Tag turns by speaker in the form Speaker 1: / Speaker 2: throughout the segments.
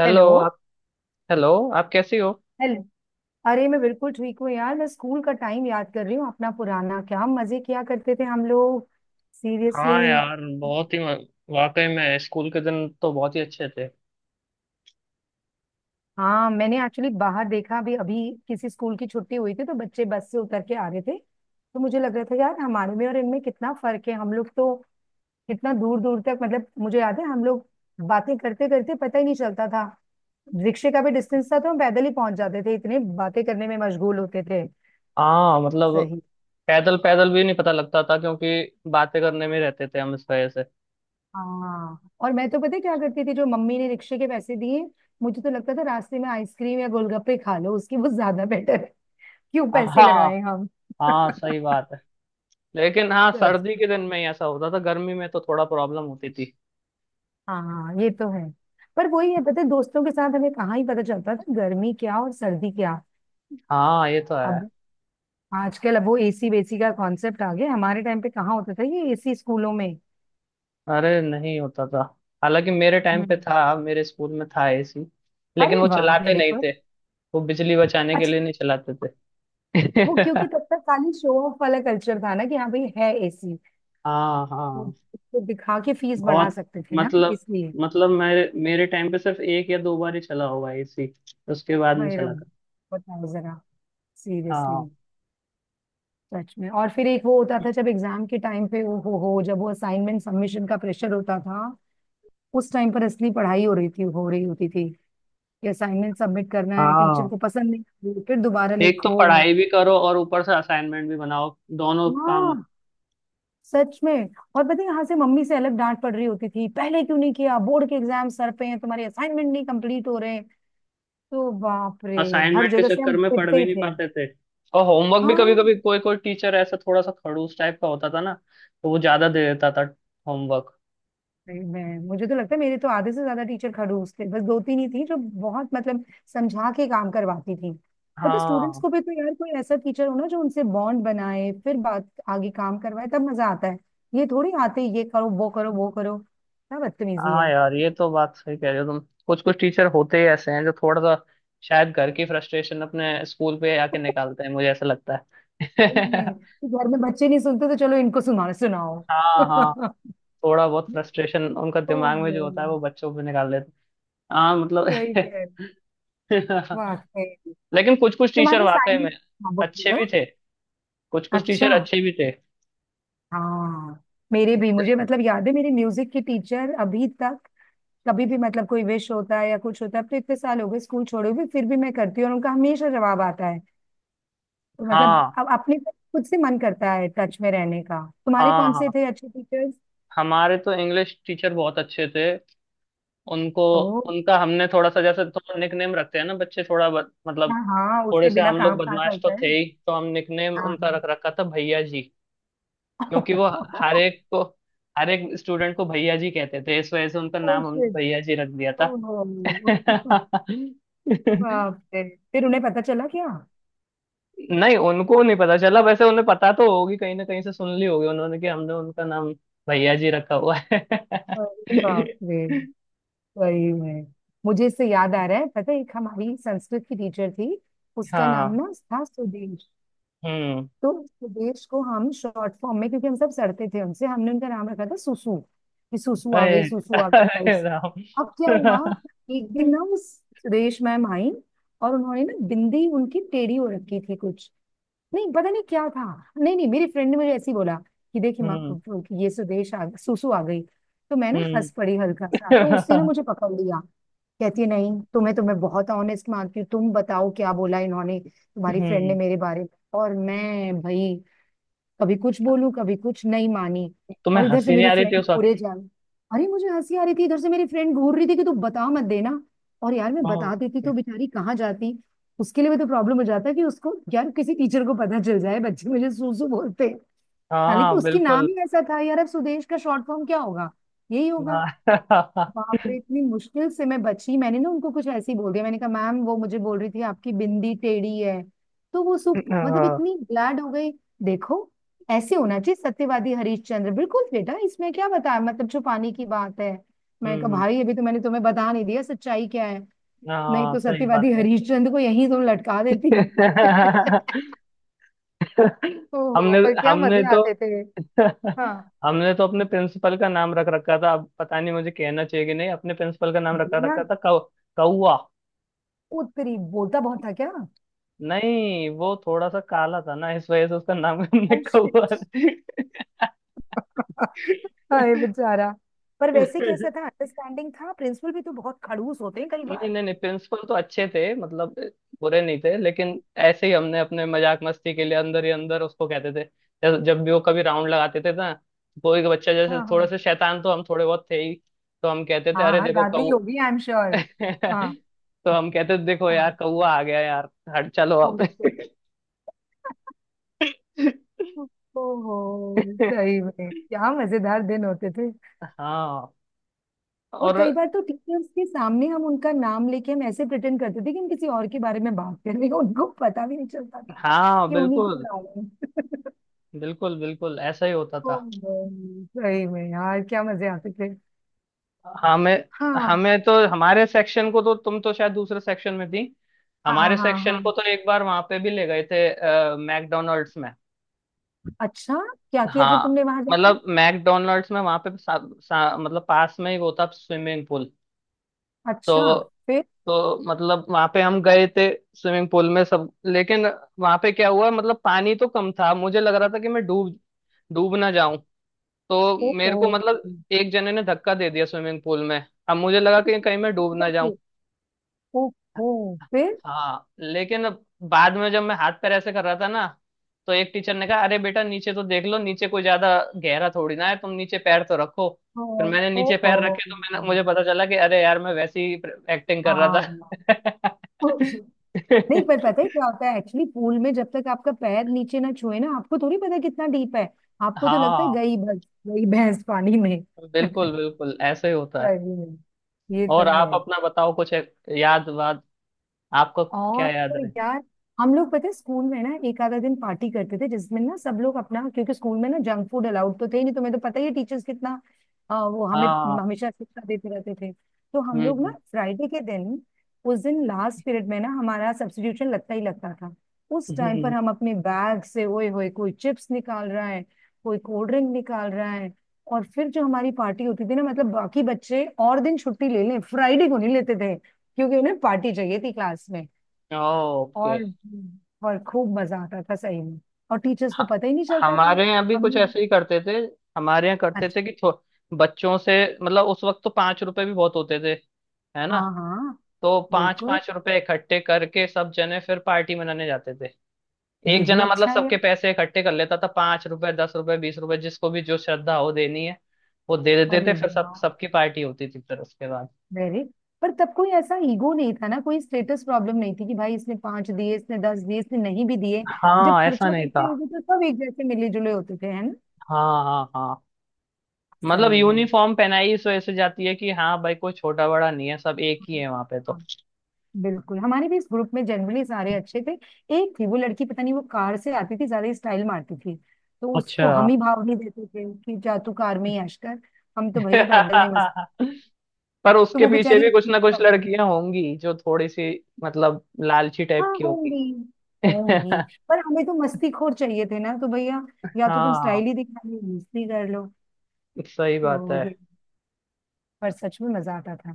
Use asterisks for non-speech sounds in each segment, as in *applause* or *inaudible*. Speaker 1: Hello
Speaker 2: hello.
Speaker 1: आप। Hello. आप कैसी हो?
Speaker 2: हेलो। अरे मैं बिल्कुल ठीक हूँ यार, मैं स्कूल का टाइम याद कर रही हूँ अपना पुराना। क्या मजे किया करते थे हम लोग। सीरियसली।
Speaker 1: हाँ यार, बहुत ही। वाकई में स्कूल के दिन तो बहुत ही अच्छे थे।
Speaker 2: हाँ, मैंने एक्चुअली बाहर देखा अभी अभी। किसी स्कूल की छुट्टी हुई थी तो बच्चे बस से उतर के आ रहे थे, तो मुझे लग रहा था यार हमारे में और इनमें कितना फर्क है। हम लोग तो कितना दूर दूर तक, मतलब मुझे याद है हम लोग बातें करते करते पता ही नहीं चलता था। रिक्शे का भी डिस्टेंस था तो हम पैदल ही पहुंच जाते थे, इतने बातें करने में मशगूल होते थे।
Speaker 1: हाँ मतलब,
Speaker 2: सही।
Speaker 1: पैदल पैदल भी नहीं पता लगता था, क्योंकि बातें करने में रहते थे हम इस वजह से।
Speaker 2: हाँ, और मैं तो पता है क्या करती थी, जो मम्मी ने रिक्शे के पैसे दिए मुझे तो लगता था रास्ते में आइसक्रीम या गोलगप्पे खा लो, उसकी वो ज्यादा बेटर है। क्यों पैसे
Speaker 1: हाँ
Speaker 2: लगाए हम।
Speaker 1: हाँ,
Speaker 2: *laughs*
Speaker 1: सही बात है। लेकिन हाँ,
Speaker 2: सच
Speaker 1: सर्दी
Speaker 2: में।
Speaker 1: के दिन में ही ऐसा होता था। गर्मी में तो थोड़ा प्रॉब्लम होती थी।
Speaker 2: हाँ, ये तो है। पर वही है, पता है दोस्तों के साथ हमें कहाँ ही पता चलता था गर्मी क्या और सर्दी क्या।
Speaker 1: हाँ, ये तो है।
Speaker 2: अब आजकल अब वो एसी वेसी का कॉन्सेप्ट आ गया, हमारे टाइम पे कहाँ होता था ये एसी स्कूलों में।
Speaker 1: अरे, नहीं होता था। हालांकि मेरे टाइम पे
Speaker 2: हम्म।
Speaker 1: था, मेरे स्कूल में था एसी। लेकिन
Speaker 2: अरे
Speaker 1: वो
Speaker 2: वाह,
Speaker 1: चलाते
Speaker 2: वेरी
Speaker 1: नहीं
Speaker 2: गुड।
Speaker 1: थे। वो बिजली बचाने के
Speaker 2: अच्छा।
Speaker 1: लिए नहीं चलाते
Speaker 2: वो क्योंकि
Speaker 1: थे।
Speaker 2: तब तक
Speaker 1: *laughs*
Speaker 2: खाली शो ऑफ वाला कल्चर था ना, कि हाँ भाई है एसी।
Speaker 1: हाँ
Speaker 2: वो
Speaker 1: हाँ।
Speaker 2: उसको दिखा के फीस बढ़ा
Speaker 1: बहुत।
Speaker 2: सकते थे ना,
Speaker 1: मतलब
Speaker 2: इसलिए।
Speaker 1: मतलब मेरे मेरे टाइम पे सिर्फ एक या दो बार ही चला होगा एसी। उसके बाद नहीं
Speaker 2: भाई
Speaker 1: चला
Speaker 2: रब।
Speaker 1: कर।
Speaker 2: बताओ जरा। सीरियसली।
Speaker 1: हाँ
Speaker 2: सच में। और फिर एक वो होता था जब एग्जाम के टाइम पे वो हो जब वो असाइनमेंट सबमिशन का प्रेशर होता था। उस टाइम पर असली पढ़ाई हो रही थी, हो रही होती थी। कि असाइनमेंट सबमिट करना है, टीचर
Speaker 1: हाँ,
Speaker 2: को पसंद नहीं आ रही, फिर दोबारा
Speaker 1: एक तो
Speaker 2: लिखो।
Speaker 1: पढ़ाई भी करो और ऊपर से असाइनमेंट भी बनाओ। दोनों काम।
Speaker 2: हाँ, सच में। और पता है यहाँ से मम्मी से अलग डांट पड़ रही होती थी, पहले क्यों नहीं किया, बोर्ड के एग्जाम सर पे हैं तुम्हारे, असाइनमेंट नहीं कंप्लीट हो रहे हैं। तो बाप रे, हर
Speaker 1: असाइनमेंट के
Speaker 2: जगह से
Speaker 1: चक्कर
Speaker 2: हम
Speaker 1: में पढ़
Speaker 2: पिटते
Speaker 1: भी
Speaker 2: ही
Speaker 1: नहीं
Speaker 2: थे।
Speaker 1: पाते थे। और होमवर्क भी, कभी कभी
Speaker 2: हाँ।
Speaker 1: कोई कोई टीचर ऐसा थोड़ा सा खड़ूस टाइप का होता था ना। तो वो ज्यादा दे देता था होमवर्क।
Speaker 2: भाई, मैं मुझे तो लगता है मेरे तो आधे से ज्यादा टीचर खड़ूस थे, बस दो तीन ही थी जो बहुत, मतलब समझा के काम करवाती थी। पता स्टूडेंट्स
Speaker 1: हाँ
Speaker 2: को भी तो, यार कोई ऐसा टीचर हो ना जो उनसे बॉन्ड बनाए फिर बात आगे काम करवाए तब मजा आता है। ये थोड़ी आते ही ये करो वो करो वो करो, क्या बदतमीजी
Speaker 1: हाँ
Speaker 2: है। *laughs*
Speaker 1: यार, ये तो बात सही कह रहे हो तुम। कुछ कुछ टीचर होते ही ऐसे हैं, जो थोड़ा सा शायद घर की फ्रस्ट्रेशन अपने स्कूल पे आके निकालते हैं, मुझे ऐसा लगता है।
Speaker 2: नहीं,
Speaker 1: *laughs*
Speaker 2: कि घर में बच्चे नहीं सुनते तो चलो इनको सुना सुनाओ।
Speaker 1: हाँ हाँ। थोड़ा बहुत
Speaker 2: *laughs*
Speaker 1: फ्रस्ट्रेशन उनका दिमाग में जो होता है वो
Speaker 2: ओह,
Speaker 1: बच्चों पे निकाल देते हैं। हाँ मतलब।
Speaker 2: सही कह।
Speaker 1: *laughs*
Speaker 2: वाकई।
Speaker 1: लेकिन कुछ कुछ टीचर
Speaker 2: तुम्हारे
Speaker 1: वाकई
Speaker 2: साइंस।
Speaker 1: में
Speaker 2: हाँ,
Speaker 1: अच्छे
Speaker 2: बोलो।
Speaker 1: भी थे। कुछ कुछ टीचर
Speaker 2: अच्छा।
Speaker 1: अच्छे भी थे।
Speaker 2: हाँ। मेरे भी, मुझे मतलब याद है, मेरी म्यूजिक की टीचर अभी तक, कभी भी मतलब कोई विश होता है या कुछ होता है, अब तो इतने साल हो गए स्कूल छोड़े हुए, फिर भी मैं करती हूँ और उनका हमेशा जवाब आता है। तो मतलब
Speaker 1: हाँ
Speaker 2: अब अपने को खुद से मन करता है टच में रहने का। तुम्हारे
Speaker 1: हाँ
Speaker 2: कौन से
Speaker 1: हाँ।
Speaker 2: थे अच्छे टीचर्स?
Speaker 1: हमारे तो इंग्लिश टीचर बहुत अच्छे थे। उनको।
Speaker 2: ओ।
Speaker 1: उनका हमने थोड़ा सा, जैसे थोड़ा निकनेम रखते हैं ना बच्चे, थोड़ा मतलब।
Speaker 2: हाँ हाँ,
Speaker 1: थोड़े
Speaker 2: उसके
Speaker 1: से
Speaker 2: बिना
Speaker 1: हम लोग
Speaker 2: काम कहाँ
Speaker 1: बदमाश तो
Speaker 2: चलता है।
Speaker 1: थे ही, तो हम निकनेम
Speaker 2: हाँ
Speaker 1: उनका रख
Speaker 2: हाँ।
Speaker 1: रखा था भैया जी। क्योंकि वो हर एक
Speaker 2: *laughs*
Speaker 1: को, हर एक स्टूडेंट को भैया जी कहते थे, इस वजह से उनका
Speaker 2: Oh,
Speaker 1: नाम हमने
Speaker 2: shit.
Speaker 1: भैया जी रख दिया था।
Speaker 2: Oh, *laughs*
Speaker 1: *laughs*
Speaker 2: बाप रे, फिर उन्हें पता चला क्या?
Speaker 1: नहीं, उनको नहीं पता चला। वैसे उन्हें पता तो होगी, कहीं ना कहीं से सुन ली होगी उन्होंने कि हमने उनका नाम भैया जी रखा हुआ है।
Speaker 2: अरे बाप
Speaker 1: *laughs*
Speaker 2: रे। वही में, मुझे इससे याद आ रहा है, पता है एक हमारी संस्कृत की टीचर थी। उसका नाम
Speaker 1: हाँ।
Speaker 2: ना था सुदेश।
Speaker 1: हम्म।
Speaker 2: तो सुदेश को हम शॉर्ट फॉर्म में, क्योंकि हम सब सड़ते थे उनसे, हमने उनका नाम रखा था सुसु। कि सुसु आ
Speaker 1: अरे
Speaker 2: गई, सुसु आ गई
Speaker 1: अरे
Speaker 2: टाइप्स।
Speaker 1: राम।
Speaker 2: अब क्या हुआ,
Speaker 1: *laughs*
Speaker 2: एक दिन ना उस, सुदेश मैम आई और उन्होंने ना बिंदी उनकी टेढ़ी हो रखी थी कुछ, नहीं पता नहीं क्या था, नहीं नहीं, मेरी फ्रेंड ने मुझे ऐसे ही बोला कि देखी माँ,
Speaker 1: हम्म
Speaker 2: ये सुदेश आ, सुसु आ गई। तो मैं ना
Speaker 1: हम्म।
Speaker 2: हंस पड़ी हल्का सा, तो उसने ना
Speaker 1: *laughs*
Speaker 2: मुझे पकड़ लिया। कहती है, नहीं तुम्हें तो मैं बहुत ऑनेस्ट मानती हूँ, तुम बताओ क्या बोला इन्होंने तुम्हारी फ्रेंड ने
Speaker 1: हम्म।
Speaker 2: मेरे बारे में। और मैं भाई, कभी कुछ बोलूं कभी कुछ, नहीं मानी।
Speaker 1: तुम्हें
Speaker 2: और इधर से
Speaker 1: हंसी नहीं
Speaker 2: मेरी
Speaker 1: आ रही थी
Speaker 2: फ्रेंड
Speaker 1: उस वक्त?
Speaker 2: घूरे जा। अरे मुझे हंसी आ रही थी, इधर से मेरी फ्रेंड घूर रही थी कि तू बता मत देना। और यार मैं
Speaker 1: वाह।
Speaker 2: बता देती तो बेचारी कहाँ जाती, उसके लिए भी तो प्रॉब्लम हो जाता कि उसको, यार किसी टीचर को पता चल जाए बच्चे मुझे सूसू बोलते हैं।
Speaker 1: हाँ
Speaker 2: हालांकि उसकी नाम
Speaker 1: बिल्कुल।
Speaker 2: ही ऐसा था यार, अब सुदेश का शॉर्ट फॉर्म क्या होगा, यही होगा।
Speaker 1: हाँ। *laughs*
Speaker 2: बाप रे, इतनी मुश्किल से मैं बची। मैंने ना उनको कुछ ऐसे ही बोल दिया, मैंने कहा मैम वो मुझे बोल रही थी आपकी बिंदी टेढ़ी है। तो वो सुप मतलब
Speaker 1: हाँ।
Speaker 2: इतनी ग्लैड हो गई, देखो ऐसे होना चाहिए सत्यवादी हरिश्चंद्र, बिल्कुल बेटा इसमें क्या बताया, मतलब छुपाने की बात है। मैं कहा
Speaker 1: हम्म।
Speaker 2: भाई, अभी तो मैंने तुम्हें बता नहीं दिया सच्चाई क्या है, नहीं
Speaker 1: हाँ,
Speaker 2: तो
Speaker 1: सही बात
Speaker 2: सत्यवादी
Speaker 1: है।
Speaker 2: हरिश्चंद्र को यहीं तुम लटका देती। *laughs*
Speaker 1: *laughs*
Speaker 2: ओहो,
Speaker 1: हमने
Speaker 2: पर क्या
Speaker 1: हमने
Speaker 2: मजे
Speaker 1: तो।
Speaker 2: आते थे।
Speaker 1: *laughs*
Speaker 2: हाँ,
Speaker 1: हमने तो अपने प्रिंसिपल का नाम रख रखा था। अब पता नहीं मुझे कहना चाहिए कि नहीं। अपने प्रिंसिपल का नाम
Speaker 2: बोलो
Speaker 1: रखा
Speaker 2: ना।
Speaker 1: रखा था कौ कौआ।
Speaker 2: उत्तरी बोलता बहुत था क्या?
Speaker 1: नहीं, वो थोड़ा सा काला था ना, इस वजह से उसका नाम हमने
Speaker 2: Oh, shit.
Speaker 1: *laughs*
Speaker 2: *laughs* हाय
Speaker 1: कौआ।
Speaker 2: बेचारा। पर वैसे कैसा था, अंडरस्टैंडिंग था? प्रिंसिपल भी तो बहुत खड़ूस होते हैं कई
Speaker 1: नहीं
Speaker 2: बार।
Speaker 1: नहीं नहीं, प्रिंसिपल तो अच्छे थे, मतलब। बुरे नहीं थे, लेकिन। ऐसे ही हमने अपने मजाक मस्ती के लिए अंदर ही अंदर उसको कहते थे। जब भी वो कभी राउंड लगाते थे ना, कोई का बच्चा जैसे,
Speaker 2: हाँ
Speaker 1: थोड़े
Speaker 2: हाँ
Speaker 1: से शैतान तो हम थोड़े बहुत थे ही। तो हम कहते थे
Speaker 2: हाँ।
Speaker 1: अरे
Speaker 2: हाँ,
Speaker 1: देखो
Speaker 2: ज्यादा ही
Speaker 1: कौ
Speaker 2: होगी, आई एम श्योर। हाँ
Speaker 1: *laughs* तो हम कहते थे देखो यार
Speaker 2: हाँ।
Speaker 1: कौआ आ गया यार। हट चलो अब।
Speaker 2: Oh, shit.
Speaker 1: *laughs*
Speaker 2: ओहो, सही में क्या मजेदार दिन होते थे।
Speaker 1: हाँ।
Speaker 2: और
Speaker 1: और
Speaker 2: कई बार तो टीचर्स के सामने हम उनका नाम लेके हम ऐसे प्रिटेंड करते थे कि हम किसी और के बारे में बात कर रहे हैं, उनको पता भी नहीं चलता था
Speaker 1: हाँ
Speaker 2: कि उन्हीं के
Speaker 1: बिल्कुल।
Speaker 2: नाम है। *laughs*
Speaker 1: बिल्कुल बिल्कुल ऐसा ही होता था।
Speaker 2: ओहो, सही में यार क्या मजे आते थे।
Speaker 1: हमें
Speaker 2: हाँ
Speaker 1: हमें तो। हमारे सेक्शन को तो, तुम तो शायद दूसरे सेक्शन में थी।
Speaker 2: हाँ
Speaker 1: हमारे
Speaker 2: हाँ।
Speaker 1: सेक्शन
Speaker 2: हाँ,
Speaker 1: को तो एक बार वहां पे भी ले गए थे मैकडोनल्ड्स में।
Speaker 2: अच्छा, क्या किया फिर
Speaker 1: हाँ
Speaker 2: तुमने वहां जाके?
Speaker 1: मतलब मैकडोनल्ड्स में, वहां पे सा, सा, मतलब पास में ही वो था स्विमिंग पूल।
Speaker 2: अच्छा,
Speaker 1: तो
Speaker 2: फिर?
Speaker 1: तो मतलब वहां पे हम गए थे। स्विमिंग पूल में सब, लेकिन वहां पे क्या हुआ, मतलब पानी तो कम था, मुझे लग रहा था कि मैं डूब डूब ना जाऊं। तो
Speaker 2: ओ ओ
Speaker 1: मेरे को मतलब,
Speaker 2: फिर?
Speaker 1: एक जने ने धक्का दे दिया स्विमिंग पूल में। अब मुझे लगा कि कहीं मैं
Speaker 2: शुरू
Speaker 1: डूब ना
Speaker 2: का
Speaker 1: जाऊं।
Speaker 2: फिर, ओ ओ फिर,
Speaker 1: हाँ लेकिन अब, बाद में जब मैं हाथ पैर ऐसे कर रहा था ना, तो एक टीचर ने कहा, अरे बेटा नीचे तो देख लो, नीचे कोई ज्यादा गहरा थोड़ी ना है, तुम नीचे पैर तो रखो।
Speaker 2: ओ,
Speaker 1: फिर मैंने
Speaker 2: ओ,
Speaker 1: नीचे
Speaker 2: ओ।
Speaker 1: पैर रखे, तो मैंने मुझे पता चला कि अरे यार, मैं वैसे ही एक्टिंग कर रहा
Speaker 2: हाँ,
Speaker 1: था।
Speaker 2: उस, नहीं पर पता है क्या होता है एक्चुअली, पूल में जब तक आपका पैर नीचे ना छुए ना, आपको थोड़ी पता कितना डीप है।
Speaker 1: *laughs*
Speaker 2: आपको तो लगता है
Speaker 1: हाँ
Speaker 2: गई बस, गई भैंस पानी में।
Speaker 1: बिल्कुल।
Speaker 2: *laughs*
Speaker 1: बिल्कुल ऐसे ही होता है।
Speaker 2: सही में, ये
Speaker 1: और
Speaker 2: तो
Speaker 1: आप
Speaker 2: है।
Speaker 1: अपना बताओ, कुछ याद वाद आपको? क्या
Speaker 2: और
Speaker 1: याद
Speaker 2: तो
Speaker 1: रहे?
Speaker 2: यार, हम लोग पता है स्कूल में ना एक आधा दिन पार्टी करते थे, जिसमें ना सब लोग अपना, क्योंकि स्कूल में ना जंक फूड अलाउड तो थे ही नहीं, तुम्हें तो पता ही है टीचर्स कितना, वो हमें
Speaker 1: हाँ।
Speaker 2: हमेशा शिक्षा देते रहते थे। तो हम
Speaker 1: हम्म
Speaker 2: लोग ना
Speaker 1: हम्म
Speaker 2: फ्राइडे के दिन, उस दिन लास्ट पीरियड में ना हमारा सब्स्टिट्यूशन लगता ही लगता था। उस टाइम पर
Speaker 1: हम्म।
Speaker 2: हम अपने बैग से ओए होए, कोई चिप्स निकाल रहा है, कोई कोल्ड ड्रिंक निकाल रहा है। और फिर जो हमारी पार्टी होती थी ना, मतलब बाकी बच्चे और दिन छुट्टी ले लें, फ्राइडे को नहीं लेते थे, क्योंकि उन्हें पार्टी चाहिए थी क्लास में।
Speaker 1: ओके।
Speaker 2: और और खूब मजा आता था सही में, और टीचर्स को
Speaker 1: ह-
Speaker 2: पता ही नहीं चलता था।
Speaker 1: हमारे यहाँ भी
Speaker 2: हम
Speaker 1: कुछ
Speaker 2: लोग।
Speaker 1: ऐसे ही करते थे। हमारे यहाँ करते
Speaker 2: अच्छा।
Speaker 1: थे कि बच्चों से मतलब, उस वक्त तो 5 रुपए भी बहुत होते थे, है ना।
Speaker 2: हाँ हाँ,
Speaker 1: तो पांच
Speaker 2: बिल्कुल।
Speaker 1: पांच रुपए इकट्ठे करके सब जने फिर पार्टी मनाने जाते थे।
Speaker 2: ये
Speaker 1: एक
Speaker 2: भी
Speaker 1: जना मतलब
Speaker 2: अच्छा है।
Speaker 1: सबके पैसे इकट्ठे कर लेता था, 5 रुपए, 10 रुपए, 20 रुपए, जिसको भी जो श्रद्धा हो देनी है। वो दे देते
Speaker 2: अरे
Speaker 1: थे, फिर सब
Speaker 2: वाह,
Speaker 1: सबकी पार्टी होती थी फिर, उसके बाद।
Speaker 2: वेरी। पर तब कोई ऐसा ईगो नहीं था ना, कोई स्टेटस प्रॉब्लम नहीं थी कि भाई इसने पांच दिए, इसने दस दिए, इसने नहीं भी दिए। जब
Speaker 1: हाँ, ऐसा
Speaker 2: खर्चा
Speaker 1: नहीं
Speaker 2: करते
Speaker 1: था।
Speaker 2: हुए तो सब एक जैसे मिले जुले होते थे, है ना।
Speaker 1: हाँ हाँ हाँ। मतलब
Speaker 2: सही में,
Speaker 1: यूनिफॉर्म पहनाई इस वजह से जाती है कि हाँ भाई, कोई छोटा बड़ा नहीं है, सब एक ही है वहां पे तो।
Speaker 2: बिल्कुल हमारे भी इस ग्रुप में जनरली सारे अच्छे थे। एक थी वो लड़की, पता नहीं वो कार से आती थी, ज्यादा ही स्टाइल मारती थी। तो
Speaker 1: अच्छा।
Speaker 2: उसको हम ही भाव नहीं देते थे कि जा तू कार में ही ऐश कर, हम तो भैया पैदल में ही मस्त।
Speaker 1: *laughs* पर
Speaker 2: तो
Speaker 1: उसके
Speaker 2: वो
Speaker 1: पीछे
Speaker 2: बेचारी
Speaker 1: भी कुछ
Speaker 2: अकेली
Speaker 1: ना कुछ
Speaker 2: होगी।
Speaker 1: लड़कियां होंगी जो थोड़ी सी मतलब लालची टाइप
Speaker 2: हाँ,
Speaker 1: की होंगी।
Speaker 2: होंगी।
Speaker 1: *laughs*
Speaker 2: होंगी। पर हमें तो मस्ती खोर चाहिए थे ना, तो भैया या तो तुम
Speaker 1: हाँ
Speaker 2: स्टाइल ही दिखा लो, मस्ती कर लो।
Speaker 1: सही बात
Speaker 2: तो
Speaker 1: है।
Speaker 2: ये, पर सच में मजा आता था।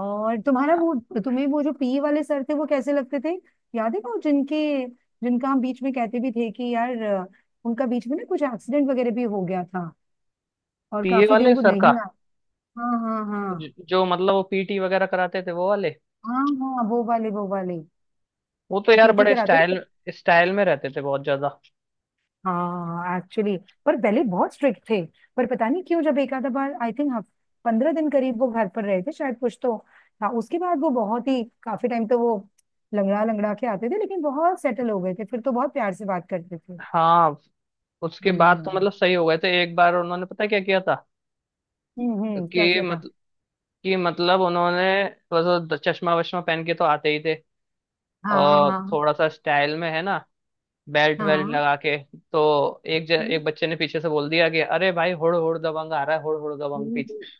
Speaker 2: और तुम्हारा वो, तुम्हें वो जो पी वाले सर थे वो कैसे लगते थे? याद है वो जिनके, जिनका हम बीच में कहते भी थे कि यार उनका बीच में ना कुछ एक्सीडेंट वगैरह भी हो गया था और
Speaker 1: पीए
Speaker 2: काफी दिन
Speaker 1: वाले
Speaker 2: वो
Speaker 1: सर का?
Speaker 2: नहीं आए। हाँ हाँ हाँ।
Speaker 1: जो मतलब वो पीटी वगैरह कराते थे वो वाले।
Speaker 2: हाँ हाँ, वो वाले वो वाले,
Speaker 1: वो तो
Speaker 2: वो
Speaker 1: यार
Speaker 2: पीटी
Speaker 1: बड़े
Speaker 2: कराते थे।
Speaker 1: स्टाइल, स्टाइल में रहते थे बहुत ज्यादा।
Speaker 2: हाँ, एक्चुअली पर पहले बहुत स्ट्रिक्ट थे। पर पता नहीं क्यों जब एक आधा बार आई थिंक, हफ 15 दिन करीब वो घर पर रहे थे शायद, कुछ तो। हाँ, उसके बाद वो बहुत ही, काफी टाइम तो वो लंगड़ा लंगड़ा के आते थे, लेकिन बहुत सेटल हो गए थे फिर, तो बहुत प्यार से बात करते थे।
Speaker 1: हाँ, उसके बाद तो
Speaker 2: हम्म,
Speaker 1: मतलब सही हो गए थे। एक बार उन्होंने पता क्या किया था?
Speaker 2: हम्म, क्या
Speaker 1: कि
Speaker 2: किया था?
Speaker 1: मतलब कि मतलब उन्होंने, थोड़ा सा चश्मा वश्मा पहन के तो आते ही थे,
Speaker 2: हाँ
Speaker 1: और
Speaker 2: हाँ
Speaker 1: थोड़ा सा स्टाइल में, है ना, बेल्ट वेल्ट
Speaker 2: हाँ।
Speaker 1: लगा के, तो
Speaker 2: हैं?
Speaker 1: एक बच्चे ने पीछे से बोल दिया कि अरे भाई, हुड़ हुड़ दबंग आ रहा है, हुड़ हुड़ दबंग
Speaker 2: हम्म,
Speaker 1: पीछे,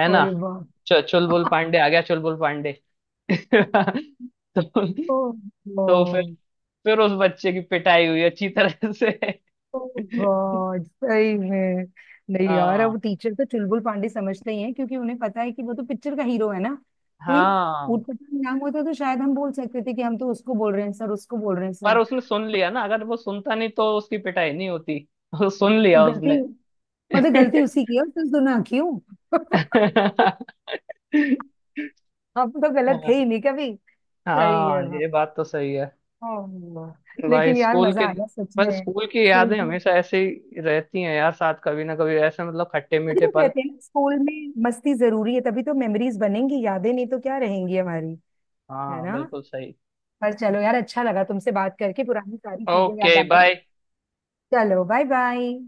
Speaker 1: है ना।
Speaker 2: अरे वाह।
Speaker 1: चुलबुल
Speaker 2: *laughs*
Speaker 1: पांडे आ गया, चुलबुल पांडे। *laughs* तो,
Speaker 2: ओ, ओ
Speaker 1: तो फिर उस बच्चे की पिटाई हुई अच्छी तरह से। *laughs*
Speaker 2: गॉड, सही में। नहीं यार,
Speaker 1: हाँ
Speaker 2: अब टीचर तो चुलबुल पांडे समझते ही हैं, क्योंकि उन्हें पता है कि वो तो पिक्चर का हीरो है ना। कोई
Speaker 1: हाँ।
Speaker 2: ऊटपटांग नाम होता तो शायद हम बोल सकते थे कि हम तो उसको बोल रहे हैं सर, उसको बोल रहे हैं
Speaker 1: पर
Speaker 2: सर।
Speaker 1: उसने सुन लिया ना, अगर वो सुनता नहीं तो उसकी पिटाई नहीं होती। *laughs* वो सुन
Speaker 2: तो
Speaker 1: लिया
Speaker 2: गलती,
Speaker 1: उसने।
Speaker 2: मतलब
Speaker 1: *laughs*
Speaker 2: गलती उसी की है और तुम ना क्यों। *laughs* हम तो गलत थे
Speaker 1: हाँ
Speaker 2: ही नहीं कभी। सही है,
Speaker 1: हाँ,
Speaker 2: वाह।
Speaker 1: ये बात तो सही है।
Speaker 2: ओह,
Speaker 1: भाई
Speaker 2: लेकिन यार
Speaker 1: स्कूल
Speaker 2: मजा
Speaker 1: के।
Speaker 2: आया सच
Speaker 1: पर
Speaker 2: में
Speaker 1: स्कूल की
Speaker 2: स्कूल
Speaker 1: यादें
Speaker 2: का।
Speaker 1: हमेशा ऐसे ही रहती हैं यार साथ, कभी ना कभी ऐसे मतलब खट्टे
Speaker 2: तभी
Speaker 1: मीठे
Speaker 2: तो
Speaker 1: पल।
Speaker 2: कहते हैं ना, स्कूल में मस्ती जरूरी है, तभी तो मेमोरीज बनेंगी, यादें नहीं तो क्या रहेंगी हमारी, है
Speaker 1: हाँ
Speaker 2: ना।
Speaker 1: बिल्कुल सही।
Speaker 2: पर चलो यार, अच्छा लगा तुमसे बात करके, पुरानी सारी चीजें याद
Speaker 1: ओके
Speaker 2: आ गई।
Speaker 1: बाय।
Speaker 2: चलो बाय बाय।